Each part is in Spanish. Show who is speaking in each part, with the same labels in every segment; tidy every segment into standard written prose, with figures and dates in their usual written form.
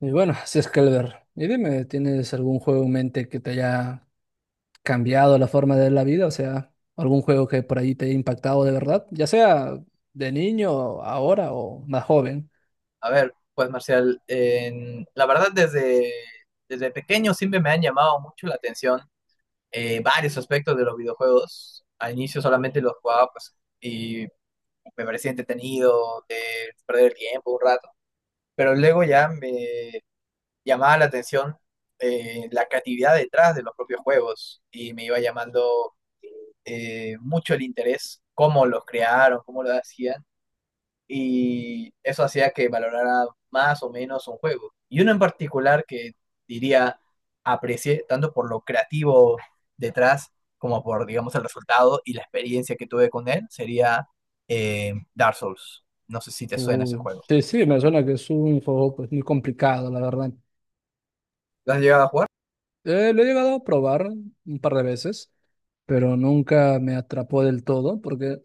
Speaker 1: Y bueno, así es, Calver. Y dime, ¿tienes algún juego en mente que te haya cambiado la forma de ver la vida? O sea, algún juego que por ahí te haya impactado de verdad, ya sea de niño, ahora o más joven.
Speaker 2: A ver, pues Marcial, la verdad desde pequeño siempre me han llamado mucho la atención varios aspectos de los videojuegos. Al inicio solamente los jugaba y me parecía entretenido, de perder el tiempo un rato, pero luego ya me llamaba la atención la creatividad detrás de los propios juegos y me iba llamando mucho el interés, cómo los crearon, cómo lo hacían y eso hacía que valorara más o menos un juego. Y uno en particular que diría aprecié tanto por lo creativo detrás como por, digamos, el resultado y la experiencia que tuve con él sería Dark Souls. No sé si te suena ese
Speaker 1: Uy,
Speaker 2: juego.
Speaker 1: sí, sí, me suena que es un juego pues, muy complicado, la verdad.
Speaker 2: ¿Lo has llegado a jugar?
Speaker 1: Lo he llegado a probar un par de veces, pero nunca me atrapó del todo, porque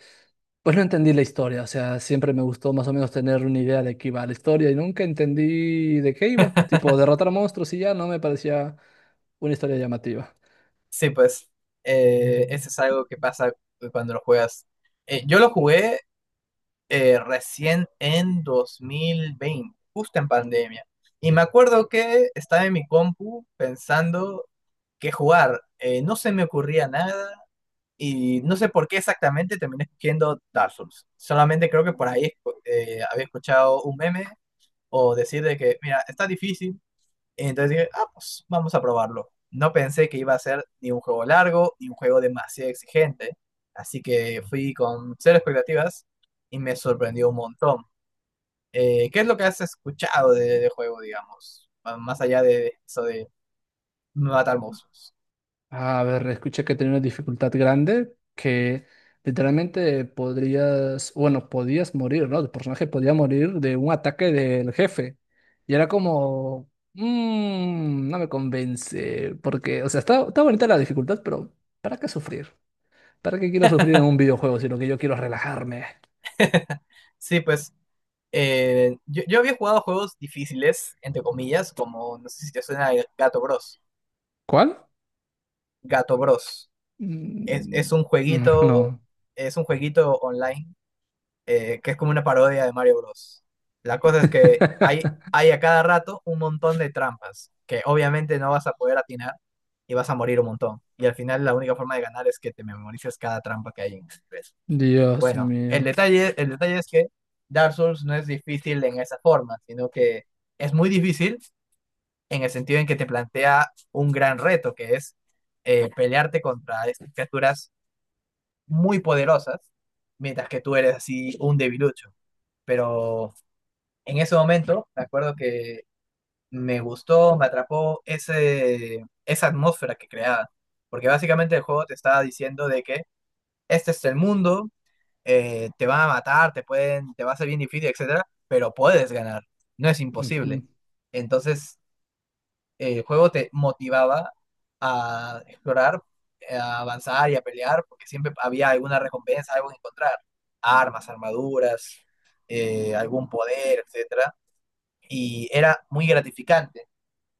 Speaker 1: pues no entendí la historia. O sea, siempre me gustó más o menos tener una idea de qué iba la historia y nunca entendí de qué iba. Tipo, derrotar monstruos y ya no me parecía una historia llamativa.
Speaker 2: Sí, pues ese es algo que pasa cuando lo juegas. Yo lo jugué recién en 2020, justo en pandemia. Y me acuerdo que estaba en mi compu pensando que jugar, no se me ocurría nada y no sé por qué exactamente terminé escogiendo Dark Souls. Solamente creo que por ahí había escuchado un meme o decir de que, mira, está difícil, entonces dije, ah, pues vamos a probarlo. No pensé que iba a ser ni un juego largo, ni un juego demasiado exigente. Así que fui con cero expectativas y me sorprendió un montón. ¿Qué es lo que has escuchado de juego, digamos? Ah, más allá de eso de matar monstruos.
Speaker 1: A ver, escuché que tenía una dificultad grande, que literalmente podrías, bueno, podías morir, ¿no? El personaje podía morir de un ataque del jefe. Y era como, no me convence, porque, o sea, está bonita la dificultad, pero ¿para qué sufrir? ¿Para qué quiero sufrir en un videojuego si lo que yo quiero es relajarme?
Speaker 2: Sí, pues yo había jugado juegos difíciles, entre comillas, como, no sé si te suena el Gato Bros.
Speaker 1: ¿Cuál?
Speaker 2: Gato Bros. Es, es
Speaker 1: Mm,
Speaker 2: un
Speaker 1: mm,
Speaker 2: jueguito,
Speaker 1: no.
Speaker 2: es un jueguito online que es como una parodia de Mario Bros. La cosa es que hay a cada rato un montón de trampas que obviamente no vas a poder atinar y vas a morir un montón. Y al final la única forma de ganar es que te memorices cada trampa que hay en el nivel.
Speaker 1: Dios
Speaker 2: Bueno,
Speaker 1: mío.
Speaker 2: el detalle es que Dark Souls no es difícil en esa forma, sino que es muy difícil en el sentido en que te plantea un gran reto, que es pelearte contra estas criaturas muy poderosas, mientras que tú eres así un debilucho. Pero en ese momento, me acuerdo que me gustó, me atrapó esa atmósfera que creaba, porque básicamente el juego te estaba diciendo de que este es el mundo, te van a matar, te pueden, te va a ser bien difícil, etcétera, pero puedes ganar, no es
Speaker 1: Ujú.
Speaker 2: imposible. Entonces, el juego te motivaba a explorar, a avanzar y a pelear, porque siempre había alguna recompensa, algo que encontrar, armas, armaduras, algún poder, etcétera, y era muy gratificante.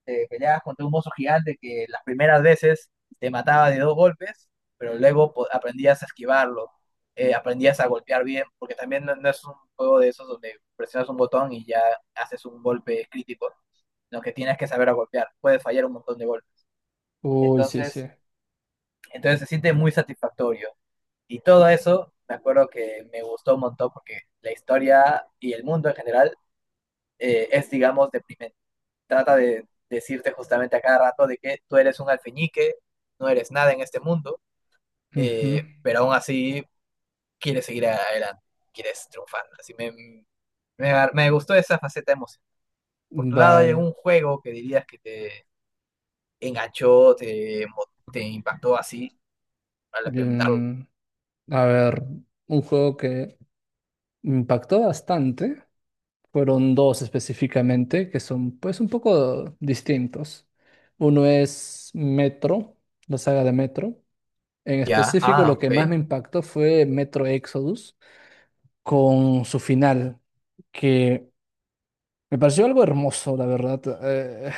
Speaker 2: Te peleabas contra un mozo gigante que las primeras veces te mataba de dos golpes, pero luego aprendías a esquivarlo, aprendías a golpear bien, porque también no es un juego de esos donde presionas un botón y ya haces un golpe crítico, sino que tienes que saber a golpear, puedes fallar un montón de golpes.
Speaker 1: Uy, sí,
Speaker 2: Entonces,
Speaker 1: sí.
Speaker 2: entonces, se siente muy satisfactorio. Y todo eso, me acuerdo que me gustó un montón porque la historia y el mundo en general es, digamos, deprimente. Trata de decirte justamente a cada rato de que tú eres un alfeñique, no eres nada en este mundo,
Speaker 1: Ujú.
Speaker 2: pero aún así quieres seguir adelante, quieres triunfar. Así me gustó esa faceta de emoción. Por tu lado, ¿hay
Speaker 1: Vaya.
Speaker 2: algún juego que dirías que te enganchó, te impactó así al experimentarlo?
Speaker 1: Bien. A ver, un juego que me impactó bastante. Fueron dos específicamente que son pues un poco distintos. Uno es Metro, la saga de Metro. En
Speaker 2: Ya,
Speaker 1: específico,
Speaker 2: ah,
Speaker 1: lo que
Speaker 2: ok,
Speaker 1: más me impactó fue Metro Exodus con su final, que me pareció algo hermoso, la verdad.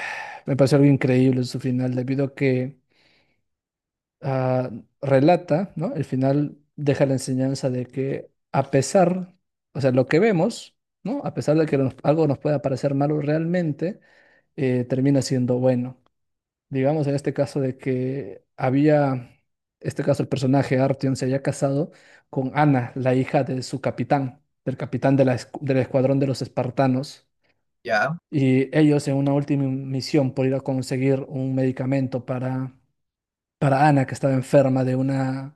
Speaker 1: Me pareció algo increíble su final, debido a que ah, relata, ¿no? El final deja la enseñanza de que a pesar, o sea, lo que vemos, ¿no? A pesar de que algo nos pueda parecer malo realmente, termina siendo bueno. Digamos en este caso de que había, este caso el personaje Artyom se había casado con Ana, la hija de su capitán, del capitán de la del escuadrón de los espartanos.
Speaker 2: ya.
Speaker 1: Y ellos en una última misión por ir a conseguir un medicamento para Ana, que estaba enferma de una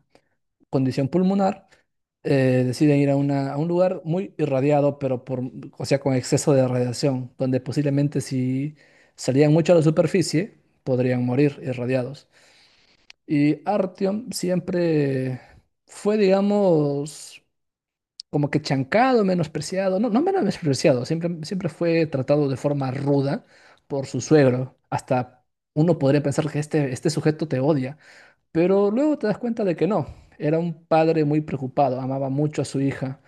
Speaker 1: condición pulmonar, deciden ir a, a un lugar muy irradiado, pero por, o sea, con exceso de radiación, donde posiblemente si salían mucho a la superficie, podrían morir irradiados. Y Artyom siempre fue, digamos, como que chancado, menospreciado, no, no menospreciado, siempre, siempre fue tratado de forma ruda por su suegro. Hasta uno podría pensar que este sujeto te odia, pero luego te das cuenta de que no. Era un padre muy preocupado, amaba mucho a su hija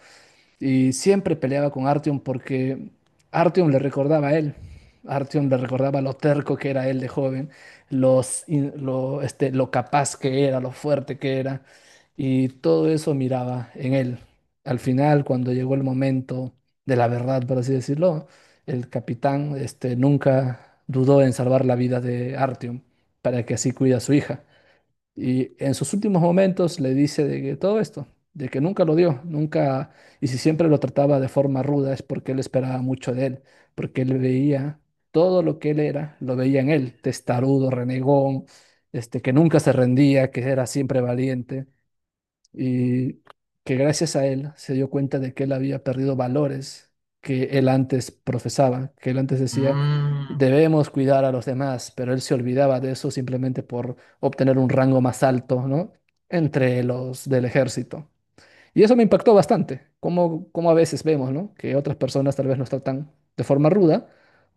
Speaker 1: y siempre peleaba con Artyom porque Artyom le recordaba a él. Artyom le recordaba lo terco que era él de joven, los, in- lo, este, lo capaz que era, lo fuerte que era. Y todo eso miraba en él. Al final, cuando llegó el momento de la verdad, por así decirlo, el capitán este, nunca dudó en salvar la vida de Artyom para que así cuida a su hija. Y en sus últimos momentos le dice de que todo esto, de que nunca lo dio, nunca, y si siempre lo trataba de forma ruda es porque él esperaba mucho de él, porque él veía todo lo que él era, lo veía en él, testarudo, renegón, que nunca se rendía, que era siempre valiente y que gracias a él se dio cuenta de que él había perdido valores que él antes profesaba, que él antes decía,
Speaker 2: Mm,
Speaker 1: debemos cuidar a los demás, pero él se olvidaba de eso simplemente por obtener un rango más alto, ¿no? Entre los del ejército. Y eso me impactó bastante, como, como a veces vemos, ¿no? Que otras personas tal vez nos tratan de forma ruda,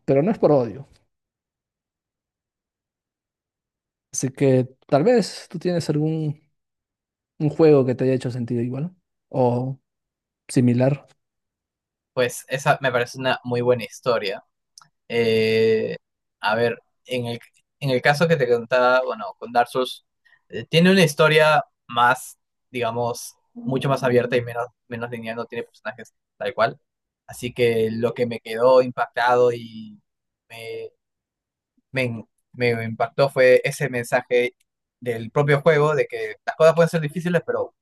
Speaker 1: pero no es por odio. Así que tal vez tú tienes algún un juego que te haya hecho sentido igual o similar.
Speaker 2: pues esa me parece una muy buena historia. Eh, a ver, en en el caso que te contaba, bueno, con Dark Souls, tiene una historia más, digamos, mucho más abierta y menos lineal, no tiene personajes tal cual. Así que lo que me quedó impactado y me, me, me impactó fue ese mensaje del propio juego de que las cosas pueden ser difíciles, pero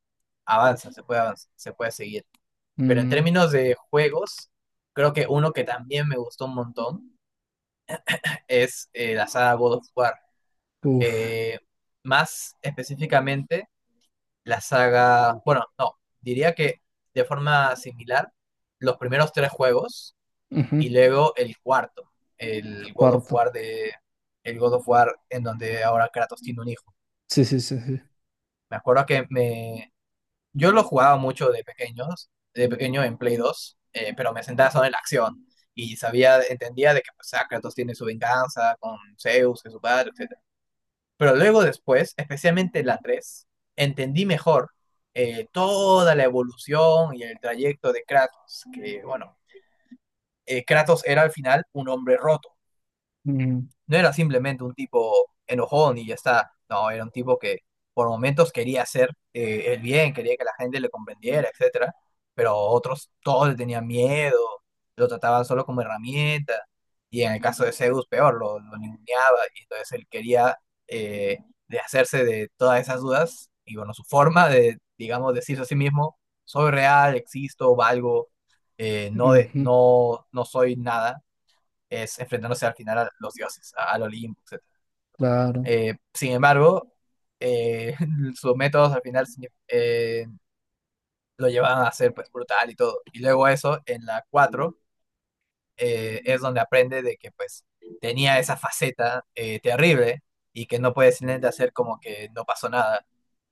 Speaker 2: avanza, se puede avanzar, se puede seguir. Pero en
Speaker 1: Mm,
Speaker 2: términos de juegos, creo que uno que también me gustó un montón es la saga God of War.
Speaker 1: uf,
Speaker 2: Eh, más específicamente, la saga, bueno, no, diría que de forma similar, los primeros tres juegos
Speaker 1: ujú,
Speaker 2: y luego el cuarto, el God of
Speaker 1: cuarto.
Speaker 2: War el God of War en donde ahora Kratos tiene un hijo.
Speaker 1: Sí, sí, sí, sí.
Speaker 2: Me acuerdo que yo lo jugaba mucho de pequeños, de pequeño en Play 2, pero me sentaba solo en la acción y sabía, entendía de que pues, ah, Kratos tiene su venganza con Zeus, que es su padre, etc. Pero luego después, especialmente la 3 entendí mejor toda la evolución y el trayecto de Kratos, que bueno, Kratos era al final un hombre roto,
Speaker 1: Mm,
Speaker 2: no era simplemente un tipo enojón y ya está, no, era un tipo que por momentos quería hacer el bien, quería que la gente le comprendiera, etcétera, pero otros todos le tenían miedo, lo trataban solo como herramienta, y en el caso de Zeus, peor, lo ninguneaba, y entonces él quería eh, de hacerse de todas esas dudas, y bueno, su forma de, digamos, decirse a sí mismo, soy real, existo, valgo, no, de,
Speaker 1: ujú,
Speaker 2: no, no soy nada, es enfrentándose al final a los dioses, al Olimpo, etc.
Speaker 1: claro,
Speaker 2: Sin embargo, eh, sus métodos al final lo llevaban a ser pues, brutal y todo. Y luego eso, en la 4 es donde aprende de que pues tenía esa faceta terrible y que no puede simplemente hacer como que no pasó nada,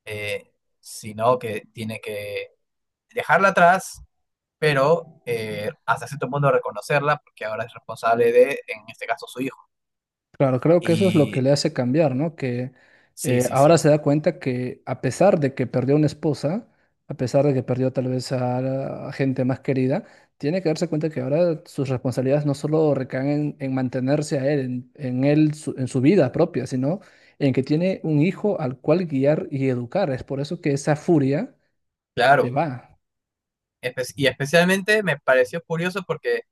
Speaker 2: eh, sino que tiene que dejarla atrás, pero hasta cierto punto reconocerla porque ahora es responsable de, en este caso, su hijo.
Speaker 1: claro, creo que eso es lo que
Speaker 2: Y
Speaker 1: le hace cambiar, ¿no? Que
Speaker 2: sí, sí,
Speaker 1: ahora
Speaker 2: sí,
Speaker 1: se da cuenta que a pesar de que perdió una esposa, a pesar de que perdió tal vez la a gente más querida, tiene que darse cuenta que ahora sus responsabilidades no solo recaen en mantenerse a él, en él, en su vida propia, sino en que tiene un hijo al cual guiar y educar. Es por eso que esa furia se
Speaker 2: claro.
Speaker 1: va.
Speaker 2: Y especialmente me pareció curioso porque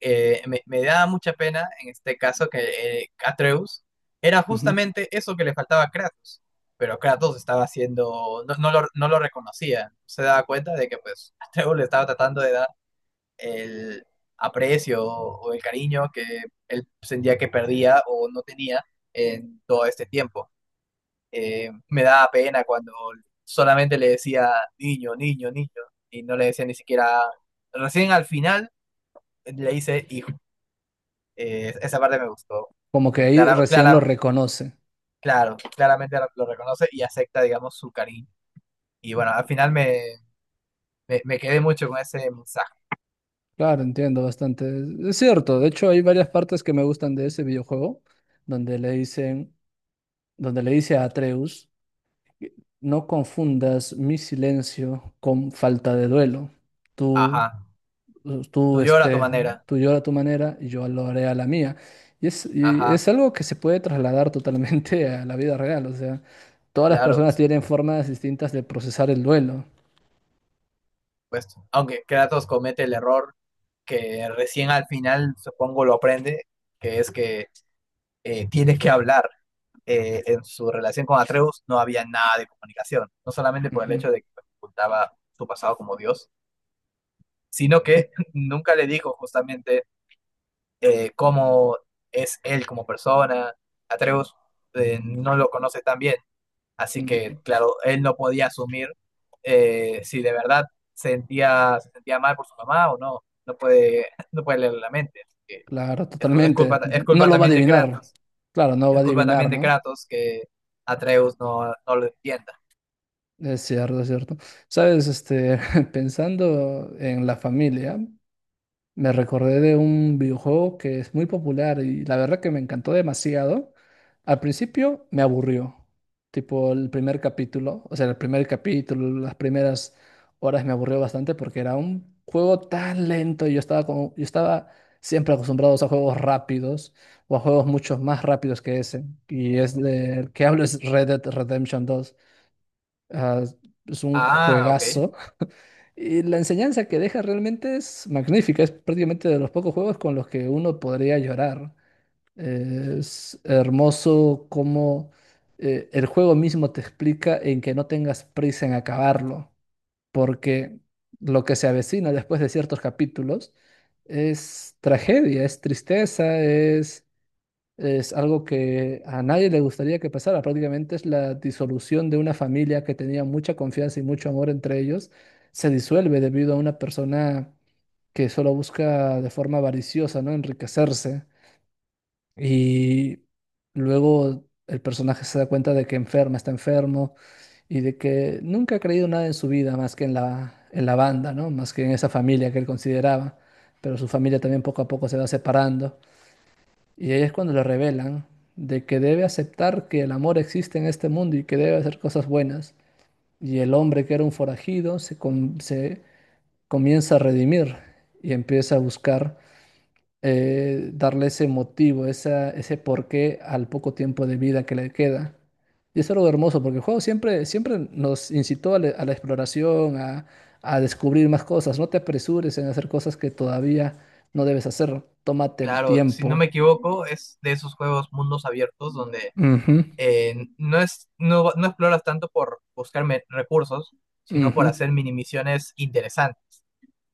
Speaker 2: me daba mucha pena en este caso que Atreus era justamente eso que le faltaba a Kratos, pero Kratos estaba haciendo, no lo reconocía, se daba cuenta de que pues Atreus le estaba tratando de dar el aprecio o el cariño que él sentía que perdía o no tenía en todo este tiempo. Me daba pena cuando solamente le decía niño, niño, niño, y no le decía ni siquiera. Recién al final le hice hijo. Esa parte me gustó,
Speaker 1: Como que
Speaker 2: porque
Speaker 1: ahí recién lo reconoce.
Speaker 2: claramente lo reconoce y acepta, digamos, su cariño. Y bueno, al final me quedé mucho con ese mensaje.
Speaker 1: Claro, entiendo bastante. Es cierto, de hecho hay varias partes que me gustan de ese videojuego, donde le dicen, donde le dice a Atreus, no confundas mi silencio con falta de duelo. Tú,
Speaker 2: Ajá,
Speaker 1: tú,
Speaker 2: tú llora a tu
Speaker 1: este,
Speaker 2: manera.
Speaker 1: Tú llora a tu manera y yo lo haré a la mía. Y es
Speaker 2: Ajá,
Speaker 1: algo que se puede trasladar totalmente a la vida real. O sea, todas las
Speaker 2: claro,
Speaker 1: personas
Speaker 2: por
Speaker 1: tienen formas distintas de procesar el duelo.
Speaker 2: supuesto. Aunque Kratos comete el error que recién al final, supongo, lo aprende, que es que tienes que hablar. En su relación con Atreus no había nada de comunicación, no solamente por el
Speaker 1: Ujú.
Speaker 2: hecho de que ocultaba su pasado como Dios, sino que nunca le dijo justamente cómo es él como persona. Atreus no lo conoce tan bien, así que claro, él no podía asumir si de verdad se sentía mal por su mamá o no, no puede, no puede leer la mente. Así que
Speaker 1: Claro, totalmente.
Speaker 2: Es
Speaker 1: No
Speaker 2: culpa
Speaker 1: lo va a
Speaker 2: también de
Speaker 1: adivinar.
Speaker 2: Kratos.
Speaker 1: Claro, no va
Speaker 2: Es
Speaker 1: a
Speaker 2: culpa también
Speaker 1: adivinar,
Speaker 2: de
Speaker 1: ¿no?
Speaker 2: Kratos que Atreus no lo entienda.
Speaker 1: Es cierto, es cierto. Sabes, este, pensando en la familia. Me recordé de un videojuego que es muy popular y la verdad que me encantó demasiado. Al principio me aburrió, tipo el primer capítulo, o sea, el primer capítulo, las primeras horas me aburrió bastante porque era un juego tan lento y yo estaba como, yo estaba siempre acostumbrado a juegos rápidos o a juegos mucho más rápidos que ese. Y es del que hablo es Red Dead Redemption 2. Ah, es un
Speaker 2: Ah, ok.
Speaker 1: juegazo y la enseñanza que deja realmente es magnífica, es prácticamente de los pocos juegos con los que uno podría llorar. Es hermoso cómo el juego mismo te explica en que no tengas prisa en acabarlo, porque lo que se avecina después de ciertos capítulos es tragedia, es tristeza, es algo que a nadie le gustaría que pasara. Prácticamente es la disolución de una familia que tenía mucha confianza y mucho amor entre ellos. Se disuelve debido a una persona que solo busca de forma avariciosa, ¿no? Enriquecerse. Y luego el personaje se da cuenta de que enferma, está enfermo y de que nunca ha creído nada en su vida más que en en la banda, ¿no? Más que en esa familia que él consideraba. Pero su familia también poco a poco se va separando. Y ahí es cuando le revelan de que debe aceptar que el amor existe en este mundo y que debe hacer cosas buenas. Y el hombre que era un forajido se comienza a redimir y empieza a buscar darle ese motivo, ese porqué al poco tiempo de vida que le queda. Y eso es algo hermoso, porque el juego siempre, siempre nos incitó a la exploración, a descubrir más cosas. No te apresures en hacer cosas que todavía no debes hacer. Tómate el
Speaker 2: Claro, si no
Speaker 1: tiempo.
Speaker 2: me equivoco, es de esos juegos mundos abiertos donde
Speaker 1: Ujú.
Speaker 2: no es, no, no exploras tanto por recursos, sino
Speaker 1: Ujú.
Speaker 2: por hacer mini misiones interesantes.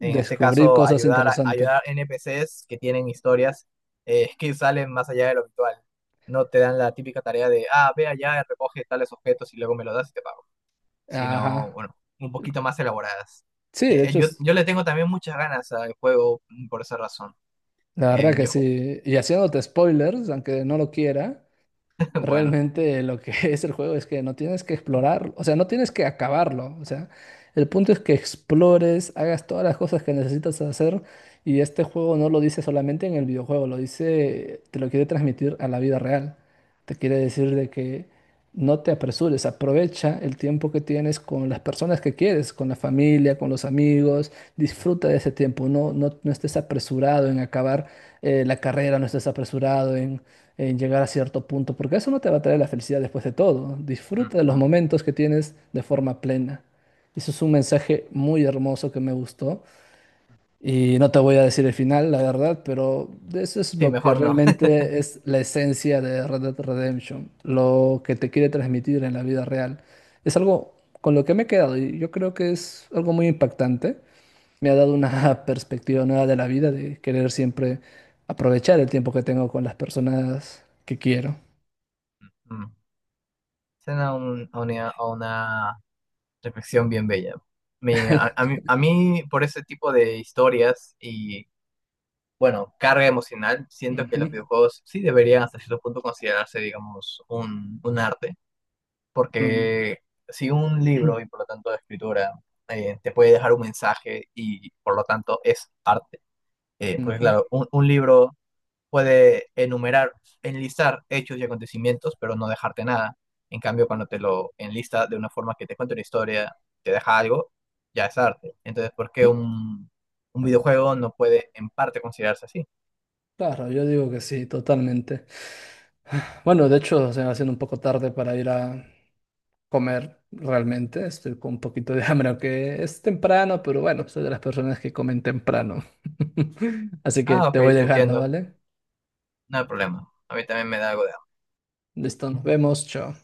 Speaker 2: En este
Speaker 1: Descubrir
Speaker 2: caso,
Speaker 1: cosas interesantes.
Speaker 2: ayudar NPCs que tienen historias que salen más allá de lo habitual. No te dan la típica tarea de, ah, ve allá, recoge tales objetos y luego me los das y te pago. Sino,
Speaker 1: Ajá.
Speaker 2: bueno, un poquito más elaboradas.
Speaker 1: Sí, de hecho,
Speaker 2: Yo le tengo también muchas ganas al juego mm, por esa razón.
Speaker 1: la verdad
Speaker 2: Eh,
Speaker 1: que
Speaker 2: yo, ju-
Speaker 1: sí. Y haciéndote spoilers, aunque no lo quiera,
Speaker 2: bueno,
Speaker 1: realmente lo que es el juego es que no tienes que explorar, o sea, no tienes que acabarlo, o sea, el punto es que explores, hagas todas las cosas que necesitas hacer y este juego no lo dice solamente en el videojuego, lo dice, te lo quiere transmitir a la vida real. Te quiere decir de que no te apresures, aprovecha el tiempo que tienes con las personas que quieres, con la familia, con los amigos, disfruta de ese tiempo, no estés apresurado en acabar la carrera, no estés apresurado en llegar a cierto punto, porque eso no te va a traer la felicidad después de todo.
Speaker 2: mm,
Speaker 1: Disfruta de los
Speaker 2: mm.
Speaker 1: momentos que tienes de forma plena. Eso es un mensaje muy hermoso que me gustó y no te voy a decir el final, la verdad, pero de eso es
Speaker 2: Sí,
Speaker 1: lo que
Speaker 2: mejor no.
Speaker 1: realmente es la esencia de Red Dead Redemption, lo que te quiere transmitir en la vida real. Es algo con lo que me he quedado y yo creo que es algo muy impactante. Me ha dado una perspectiva nueva de la vida, de querer siempre aprovechar el tiempo que tengo con las personas que quiero.
Speaker 2: Mm. Suena un- a una reflexión bien bella. Me, a mí, por ese tipo de historias y, bueno, carga emocional, siento que
Speaker 1: Ujú,
Speaker 2: los videojuegos sí deberían hasta cierto punto considerarse, digamos, un arte.
Speaker 1: ujú,
Speaker 2: Porque si un libro y por lo tanto escritura te puede dejar un mensaje y por lo tanto es arte, porque
Speaker 1: ujú.
Speaker 2: claro, un libro puede enumerar, enlistar hechos y acontecimientos, pero no dejarte nada. En cambio, cuando te lo enlista de una forma que te cuenta una historia, te deja algo, ya es arte. Entonces, ¿por qué
Speaker 1: Sí,
Speaker 2: un videojuego no puede en parte considerarse así?
Speaker 1: claro, yo digo que sí, totalmente. Bueno, de hecho, se me va haciendo un poco tarde para ir a comer realmente. Estoy con un poquito de hambre, aunque es temprano, pero bueno, soy de las personas que comen temprano. Así que
Speaker 2: Ah,
Speaker 1: te
Speaker 2: ok,
Speaker 1: voy
Speaker 2: te
Speaker 1: dejando,
Speaker 2: entiendo,
Speaker 1: ¿vale?
Speaker 2: no hay problema. A mí también me da algo de
Speaker 1: Listo, nos vemos, chao.